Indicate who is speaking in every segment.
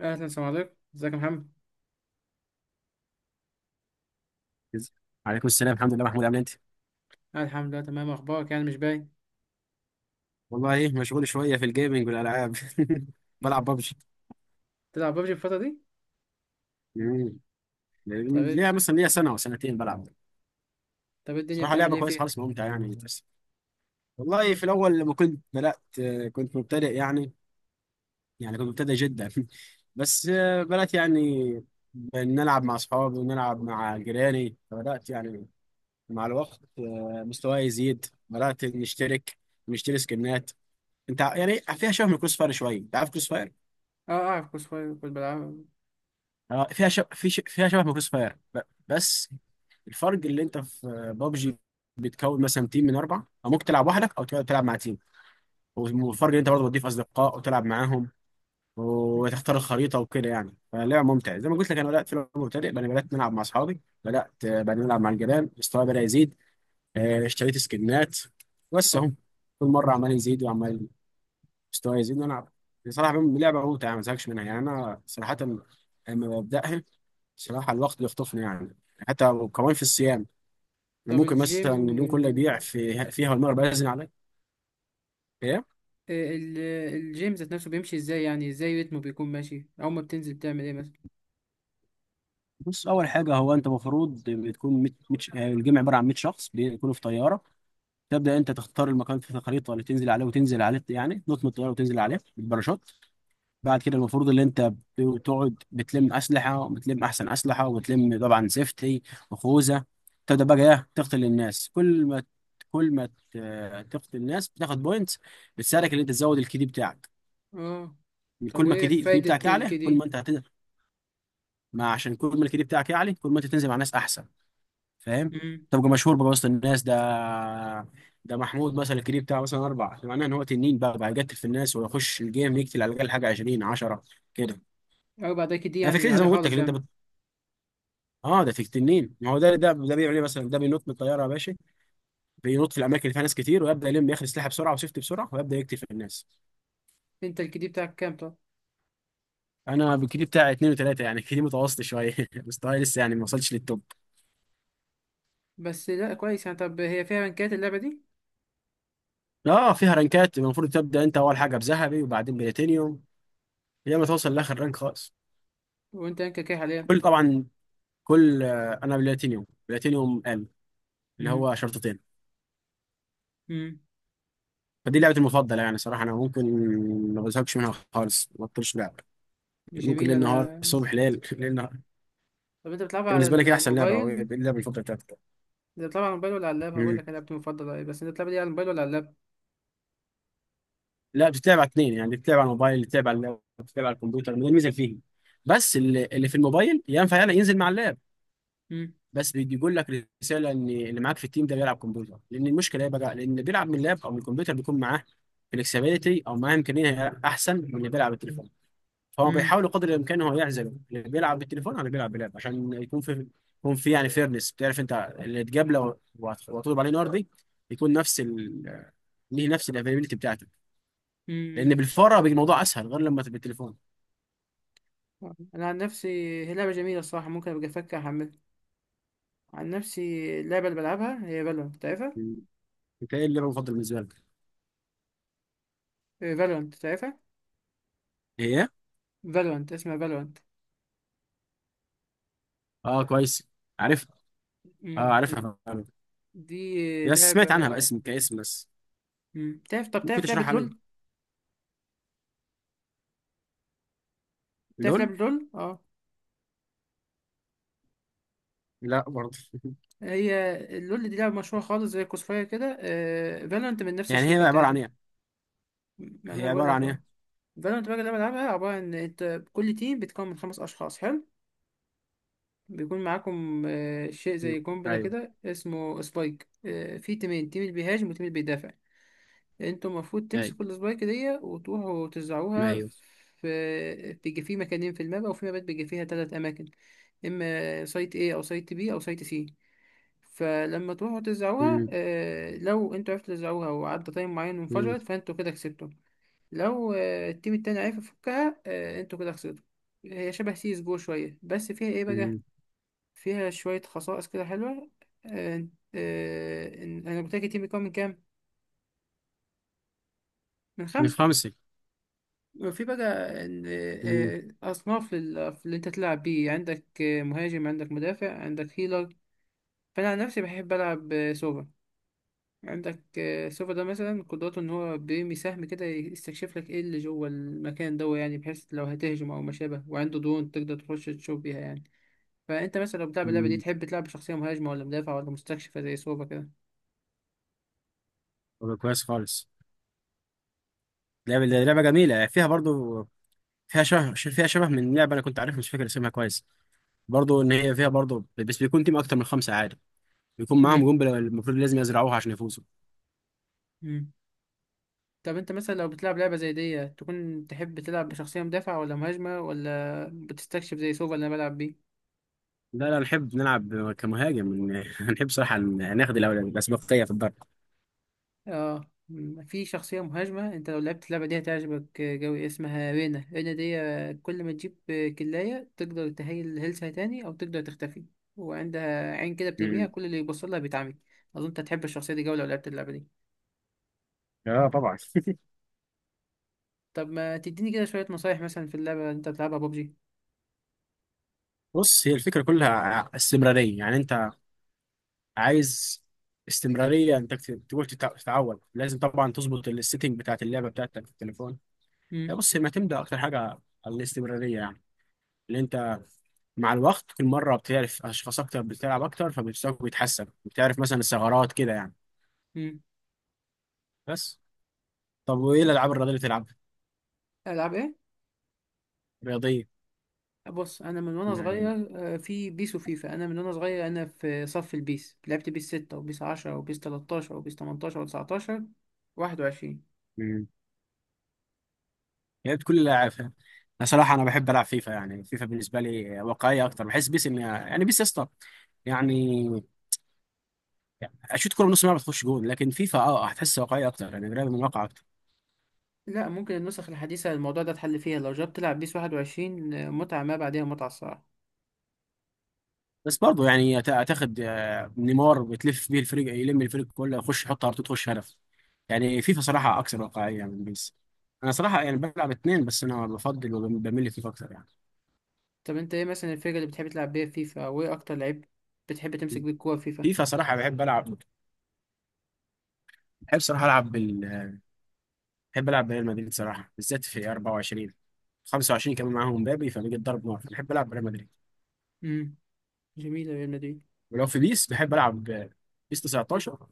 Speaker 1: اهلا، السلام عليكم. ازيك يا محمد؟
Speaker 2: عليكم السلام، الحمد لله. محمود، عامل انت؟
Speaker 1: أنا الحمد لله تمام. اخبارك يعني مش باين.
Speaker 2: والله ايه؟ مشغول شويه في الجيمنج والالعاب. بلعب ببجي.
Speaker 1: تلعب ببجي الفتره دي؟ طب إيه-
Speaker 2: ليها مثلا ليها سنه وسنتين بلعب.
Speaker 1: طب إيه الدنيا
Speaker 2: صراحه
Speaker 1: بتعمل
Speaker 2: لعبه
Speaker 1: ايه
Speaker 2: كويسه
Speaker 1: فيها؟
Speaker 2: خالص، ممتعه يعني، بس. والله في الاول لما كنت بدات، كنت مبتدئ يعني. يعني كنت مبتدئ جدا. بس، بدات يعني نلعب مع اصحابي، ونلعب مع جيراني، فبدات يعني مع الوقت، مستواي يزيد، بدات نشترك، نشتري سكنات. يعني فيها شبه من كروس فاير شويه. انت عارف كروس؟
Speaker 1: اه، اعرف كويس كويس، كنت بلعب.
Speaker 2: اه، فيها شب... في ش... فيها شبه من كروس فاير، بس. الفرق اللي انت في بابجي بتكون مثلا تيم من اربعه، او ممكن تلعب وحدك، او تقعد تلعب مع تيم. والفرق اللي انت برضه بتضيف اصدقاء وتلعب معاهم، وتختار الخريطه وكده يعني. فلعبه ممتعه. زي ما قلت لك، انا بدات في لعبه مبتدئ، بعدين بدات نلعب مع اصحابي، بدات بعدين نلعب مع الجيران، مستواي بدا يزيد. اشتريت سكنات. بس
Speaker 1: اه.
Speaker 2: اهو، كل مره عمال يزيد، وعمال مستواي يزيد. وانا بصراحه، لعبه ممتعه ما زهقش منها يعني. انا صراحه لما ببداها، بصراحة الوقت بيخطفني يعني. حتى كمان في الصيام، يعني
Speaker 1: طب
Speaker 2: ممكن مثلا
Speaker 1: الجيم
Speaker 2: اليوم كله يضيع
Speaker 1: آه،
Speaker 2: في فيها، والمغرب أذن عليك. ايه.
Speaker 1: آه، ال- الجيم ذات نفسه بيمشي ازاي؟ يعني ازاي رتمه بيكون ماشي؟ اول ما بتنزل بتعمل ايه مثلا؟
Speaker 2: بص، اول حاجه، هو انت المفروض بتكون الجمع عباره عن 100 شخص بيكونوا في طياره. تبدا انت تختار المكان في الخريطه اللي تنزل عليه، وتنزل عليه يعني، تنط من الطياره وتنزل عليه بالباراشوت. بعد كده المفروض ان انت بتقعد بتلم اسلحه، وبتلم احسن اسلحه، وبتلم طبعا سيفتي وخوذه. تبدا بقى، ايه، تقتل الناس. كل ما تقتل الناس بتاخد بوينتس، بتساعدك ان انت تزود الكي دي بتاعك.
Speaker 1: اه. طب
Speaker 2: كل ما الكي
Speaker 1: وايه
Speaker 2: دي بتاعك
Speaker 1: فايده
Speaker 2: يعلى، كل ما
Speaker 1: الكدي؟
Speaker 2: انت هتنزل. ما عشان كل ما الكي دي بتاعك يعلى، كل ما انت تنزل مع ناس احسن. فاهم؟
Speaker 1: امم.
Speaker 2: تبقى مشهور بقى وسط الناس. ده ده محمود مثلا، الكي دي بتاعه مثلا اربعه، معناه ان هو تنين بقى يقتل في الناس، ويخش الجيم يقتل على الاقل حاجه 20 10 كده.
Speaker 1: 4 ده كدي
Speaker 2: انا
Speaker 1: يعني
Speaker 2: فكرتي زي
Speaker 1: عليه
Speaker 2: ما قلت لك
Speaker 1: خالص
Speaker 2: اللي انت.
Speaker 1: يعني.
Speaker 2: اه، ده في التنين، ما هو ده بيعمل ايه مثلا؟ ده بينط من الطياره يا باشا، بينط في الاماكن اللي فيها ناس كتير، ويبدا يلم، ياخد سلاحه بسرعه وسيفتي بسرعه، ويبدا يقتل في الناس.
Speaker 1: انت الكدي بتاعك كام طب؟
Speaker 2: انا بالكيدي بتاعي اتنين وتلاته، يعني كيدي متوسط شويه. مستواي لسه يعني ما وصلش للتوب.
Speaker 1: بس لا كويس يعني. طب هي فيها رانكات اللعبه دي؟
Speaker 2: اه فيها رانكات، المفروض تبدا انت اول حاجه بذهبي، وبعدين بلاتينيوم، لما ما توصل لاخر رانك خالص.
Speaker 1: وانت رانكك ايه حاليا؟
Speaker 2: كل، طبعا، كل، انا بلاتينيوم اللي
Speaker 1: امم.
Speaker 2: هو شرطتين.
Speaker 1: امم.
Speaker 2: فدي لعبتي المفضله يعني. صراحه انا ممكن ما بزهقش منها خالص، ما بطلش لعب. ممكن
Speaker 1: جميل.
Speaker 2: ليل نهار،
Speaker 1: انا
Speaker 2: الصبح ليل ليل نهار.
Speaker 1: طب انت بتلعب على
Speaker 2: بالنسبه لك، ايه احسن لعبه؟ او ايه
Speaker 1: الموبايل
Speaker 2: اللعبه المفضله بتاعتك؟
Speaker 1: انت بتلعب على الموبايل ولا على اللاب؟ هقول
Speaker 2: مم.
Speaker 1: لك انا لعبتي المفضله ايه، بس انت بتلعب دي على الموبايل ولا على اللاب؟
Speaker 2: لا، بتتلعب على اتنين، يعني بتتلعب على الموبايل، بتتلعب على اللاب، بتتلعب على الكمبيوتر، ما دي الميزه اللي فيه. بس اللي في الموبايل ينفع يلا ينزل مع اللاب.
Speaker 1: مم.
Speaker 2: بس بيجي يقول لك رساله ان اللي معاك في التيم ده بيلعب كمبيوتر، لان المشكله ايه بقى، لان اللي بيلعب من اللاب او من الكمبيوتر بيكون معاه فلكسبيتي، او معاه امكانيه احسن من اللي بيلعب بالتليفون. فهو
Speaker 1: مم.
Speaker 2: بيحاول قدر الامكان هو يعزله، اللي بيلعب بالتليفون على اللي بيلعب بلاب، عشان يكون في، يكون في يعني فيرنس، بتعرف انت اللي تجابله وهتغلب عليه نار دي. يكون نفس، ليه نفس الافيلابيلتي بتاعتك. لان
Speaker 1: مم.
Speaker 2: بالفاره بيجي الموضوع اسهل، غير لما تبقى بالتليفون.
Speaker 1: انا عن نفسي هي لعبه جميله الصراحه، ممكن ابقى افكر احملها. عن نفسي، اللعبه اللي بلعبها هي فالورانت، تعرفها؟
Speaker 2: بتلاقي اللعبه المفضل بالنسبه لك.
Speaker 1: فالورانت تعرفها؟
Speaker 2: هي.
Speaker 1: فالورانت اسمها فالورانت.
Speaker 2: اه كويس، عارفها. اه
Speaker 1: مم.
Speaker 2: عارفها فعلا.
Speaker 1: دي
Speaker 2: بس
Speaker 1: لعبه.
Speaker 2: سمعت عنها باسم كاسم، بس
Speaker 1: مم. تعرف؟ طب
Speaker 2: ممكن
Speaker 1: تعرف لعبه
Speaker 2: تشرحها لي؟
Speaker 1: لول؟ تعرف
Speaker 2: لول؟
Speaker 1: لعبه لول؟ اه.
Speaker 2: لا برضه.
Speaker 1: هي اللول دي لعبه مشهوره خالص زي كوسفاير كده، فالورانت من نفس
Speaker 2: يعني هي
Speaker 1: الشركه
Speaker 2: عباره عن
Speaker 1: بتاعتها.
Speaker 2: ايه؟
Speaker 1: ما
Speaker 2: هي
Speaker 1: انا هقول
Speaker 2: عباره
Speaker 1: لك
Speaker 2: عن
Speaker 1: اهو.
Speaker 2: ايه؟
Speaker 1: فالورانت بقى لما بلعبها عبارة إن أنت كل تيم بيتكون من 5 أشخاص، حلو. بيكون معاكم شيء
Speaker 2: مم.
Speaker 1: زي قنبلة
Speaker 2: ايوه.
Speaker 1: كده اسمه سبايك. في تيمين، تيم اللي بيهاجم وتيم اللي بيدافع. انتوا المفروض
Speaker 2: ايوه،
Speaker 1: تمسكوا السبايك دي وتروحوا
Speaker 2: ما
Speaker 1: توزعوها.
Speaker 2: ايوه.
Speaker 1: في بيجي فيه مكانين في الماب، وفي مابات بيجي فيها 3 أماكن، إما سايت A أو سايت B أو سايت C. فلما تروحوا توزعوها،
Speaker 2: مم.
Speaker 1: لو انتوا عرفتوا توزعوها وعدى تايم معين
Speaker 2: مم.
Speaker 1: وانفجرت، فانتوا كده كسبتوا. لو التيم التاني عرف يفكها، انتوا كده خسرتوا. هي شبه سيس جو شوية، بس فيها ايه بقى.
Speaker 2: مم.
Speaker 1: فيها شوية خصائص كده حلوة. آه، انا قلت لك التيم بيكون من كام؟ من
Speaker 2: من
Speaker 1: 5.
Speaker 2: خمسه.
Speaker 1: وفي بقى
Speaker 2: مم.
Speaker 1: أصناف اللي أنت تلعب بيه. عندك مهاجم، عندك مدافع، عندك هيلر. فأنا عن نفسي بحب ألعب سوبر. عندك سوفا ده مثلا قدرته ان هو بيرمي سهم كده يستكشف لك ايه اللي جوه المكان ده، يعني بحيث لو هتهجم او ما شابه، وعنده درون تقدر تخش تشوف بيها يعني. فانت مثلا لو بتلعب اللعبه دي،
Speaker 2: مم.
Speaker 1: تحب تلعب بشخصيه مهاجمه ولا مدافع ولا مستكشفه زي سوفا كده؟
Speaker 2: طب كويس خالص. لعبه جميله. فيها برضه، فيها شبه من لعبه انا كنت عارفها، مش فاكر اسمها كويس. برضه ان هي فيها برضه، بس بيكون تيم اكتر من خمسه عادي. يكون معاهم
Speaker 1: امم.
Speaker 2: جون، المفروض لازم يزرعوها عشان يفوزوا.
Speaker 1: امم. طب انت مثلا لو بتلعب لعبه زي دي، تكون تحب تلعب بشخصيه مدافع ولا مهاجمه ولا بتستكشف زي سوفا اللي انا بلعب بيه؟
Speaker 2: لا لا، نحب نلعب كمهاجم. نحب صراحة ناخد الأسبقية في الضرب.
Speaker 1: اه، في شخصية مهاجمة انت لو لعبت اللعبة دي هتعجبك جوي، اسمها رينا. رينا دي كل ما تجيب كلاية تقدر تهيل هيلثها تاني او تقدر تختفي. وعندها عين كده بترميها،
Speaker 2: مم.
Speaker 1: كل اللي يبص لها بيتعمي. اظن انت هتحب الشخصية دي جوي لو لعبت اللعبة دي.
Speaker 2: اه طبعا.
Speaker 1: طب ما تديني كده شوية نصايح مثلا في اللعبة اللي انت بتلعبها ببجي؟
Speaker 2: بص، هي الفكرة كلها، استمرارية يعني. انت عايز استمرارية. انت تقول، تتعود، لازم طبعا تظبط السيتنج بتاعت اللعبة بتاعتك في التليفون. لا
Speaker 1: امم.
Speaker 2: بص، هي معتمدة أكتر حاجة على الاستمرارية، يعني اللي انت مع الوقت كل مرة بتعرف أشخاص أكتر، بتلعب أكتر، فمستواك بيتحسن، بتعرف مثلا الثغرات كده يعني.
Speaker 1: امم.
Speaker 2: بس، طب وإيه الألعاب الرياضية اللي بتلعبها؟
Speaker 1: العب ايه؟
Speaker 2: رياضية
Speaker 1: بص انا من وانا
Speaker 2: يعني.
Speaker 1: صغير في بيس وفيفا. انا من وانا صغير انا في صف البيس، لعبت بيس 6 وبيس 10 وبيس 13 وبيس 18 و19 21.
Speaker 2: مم. يا ريت كل اللاعب فاهم. انا صراحه انا بحب العب فيفا. يعني فيفا بالنسبه لي واقعيه اكتر، بحس بيس ان يعني، بيس يا اسطى، يعني اشوط كوره من نص الملعب تخش جون، لكن فيفا هتحس واقعيه اكتر، يعني قريبه من الواقع اكتر.
Speaker 1: لا، ممكن النسخ الحديثة الموضوع ده اتحل فيها. لو جربت تلعب بيس 21، متعة ما بعدها متعة الصراحة.
Speaker 2: بس برضه يعني، هتاخد نيمار بتلف بيه الفريق، يلم الفريق كله يخش يحط ار، تخش هدف. يعني فيفا صراحه اكثر واقعيه من بيس. انا صراحه يعني بلعب اتنين، بس انا بفضل وبميل لفيفا اكتر يعني.
Speaker 1: طب انت ايه مثلا الفرقة اللي بتحب تلعب بيها في فيفا، او ايه اكتر لعيب بتحب تمسك بيه الكورة في فيفا؟
Speaker 2: فيفا صراحه بحب العب، بحب صراحه العب، بحب العب بريال مدريد صراحه، بالذات في 24 25، كمان معاهم مبابي فبيجي الضرب نار. بحب العب بريال مدريد.
Speaker 1: امم. جميلة ريال مدريد.
Speaker 2: ولو في بيس بحب العب، بيس 19.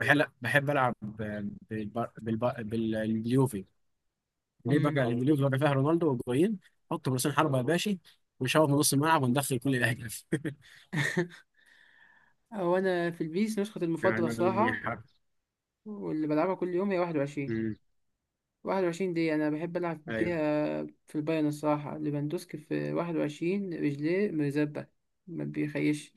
Speaker 2: بحب، لا، بحب العب، آه، باليوفي. ليه بقى؟
Speaker 1: امم.
Speaker 2: لأن اليوفي بقى فيها رونالدو وجوين، حط راسين حربه يا باشا، ونشوط من نص الملعب وندخل كل الاهداف.
Speaker 1: هو انا في البيس نسخة المفضلة
Speaker 2: يعني
Speaker 1: الصراحة،
Speaker 2: حرب.
Speaker 1: واللي بلعبها كل يوم هي 21.
Speaker 2: مم.
Speaker 1: 21 دي انا بحب العب
Speaker 2: ايوه،
Speaker 1: بيها. في البايرن الصراحة ليفاندوسكي في 21، رجليه مرزبة، ما بيخيش.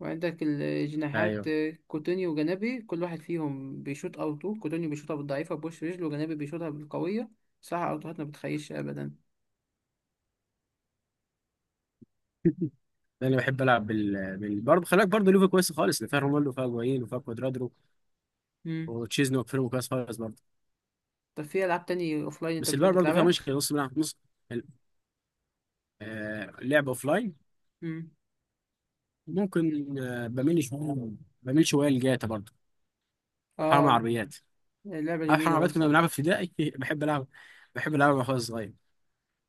Speaker 1: وعندك الجناحات
Speaker 2: ايوه.
Speaker 1: كوتينيو وجنابي، كل واحد فيهم بيشوط اوتو. كوتينيو بيشوطها بالضعيفة بوش رجله، وجنابي بيشوطها بالقوية. صراحة اوتوهات ما بتخيش ابدا.
Speaker 2: انا بحب العب برضه خلاك برضه ليفا كويس خالص، اللي فيها رونالدو وفيها جوين وفيها كوادرادو
Speaker 1: مم.
Speaker 2: وتشيزني وفيرمو، كويس خالص برضه.
Speaker 1: طب في العاب تاني اوفلاين انت
Speaker 2: بس
Speaker 1: بتحب
Speaker 2: البايرن برضه فيها
Speaker 1: تلعبها؟
Speaker 2: مشكله، نص ملعب نص. اللعب اوف لاين
Speaker 1: مم.
Speaker 2: ممكن، بميل شويه لجاتا برضه، وحرام
Speaker 1: اه،
Speaker 2: عربيات.
Speaker 1: لعبة
Speaker 2: عارف حرام
Speaker 1: جميلة
Speaker 2: عربيات؟
Speaker 1: برضه
Speaker 2: كنا
Speaker 1: صح.
Speaker 2: بنلعبها في ابتدائي. بحب العب بحب العبها وانا صغير.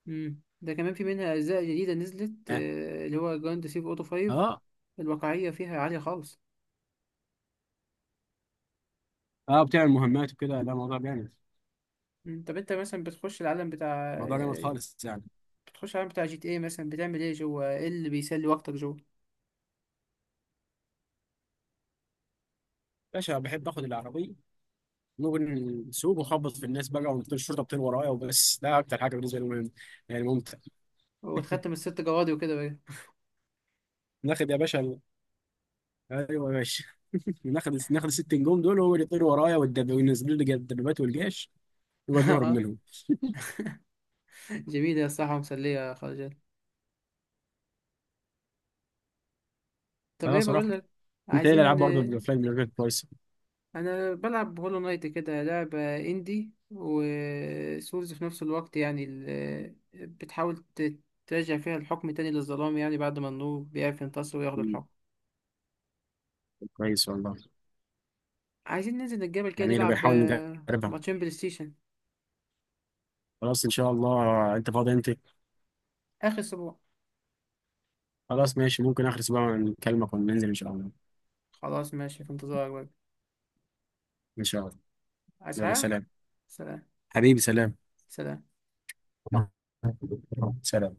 Speaker 1: مم. ده كمان في منها اجزاء جديدة نزلت،
Speaker 2: اه.
Speaker 1: اللي هو جراند سيف اوتو 5.
Speaker 2: اه.
Speaker 1: الواقعية فيها عالية خالص.
Speaker 2: بتعمل مهمات وكده؟ لا، موضوع جامد.
Speaker 1: مم. طب انت مثلا
Speaker 2: موضوع جامد خالص يعني.
Speaker 1: بتخش العالم بتاع جي تي ايه مثلا، بتعمل ايه جوه؟ ايه اللي بيسلي وقتك جوه؟
Speaker 2: باشا، بحب اخد العربيه. ممكن نسوق وخبط في الناس بقى، ونطير. الشرطه بتطير ورايا، وبس. ده اكتر حاجه بالنسبه لي مهم، يعني ممتع.
Speaker 1: وتختم الست جوادي وكده؟
Speaker 2: ناخد يا باشا. ايوه يا باشا. ناخد الست نجوم دول، وهو اللي يطير ورايا، وينزلوا لي الدبابات والجيش، ويقعد نهرب
Speaker 1: اه.
Speaker 2: منهم.
Speaker 1: جميلة يا الصراحة، مسلية خالص جد. طب
Speaker 2: اه
Speaker 1: ايه بقول
Speaker 2: صراحه.
Speaker 1: لك.
Speaker 2: انت ايه الالعاب
Speaker 1: عايزين
Speaker 2: برضه، الافلام اللي غير، كويسه؟
Speaker 1: انا بلعب هولو نايت كده، لعبة اندي وسولز في نفس الوقت، يعني بتحاول ترجع فيها الحكم تاني للظلام، يعني بعد ما النور بيعرف ينتصر وياخد
Speaker 2: مم،
Speaker 1: الحكم.
Speaker 2: كويس والله.
Speaker 1: عايزين ننزل الجبل كده
Speaker 2: جميله،
Speaker 1: نلعب
Speaker 2: بنحاول نجربها.
Speaker 1: ماتشين بلاي ستيشن.
Speaker 2: خلاص ان شاء الله. انت فاضي انت؟
Speaker 1: اخر اسبوع.
Speaker 2: خلاص ماشي، ممكن اخر اسبوع نكلمك وننزل ان شاء الله.
Speaker 1: خلاص ماشي، في انتظارك بقى.
Speaker 2: ان شاء الله.
Speaker 1: عايز
Speaker 2: يلا
Speaker 1: حاجة؟
Speaker 2: سلام.
Speaker 1: سلام.
Speaker 2: حبيبي سلام.
Speaker 1: سلام.
Speaker 2: سلام.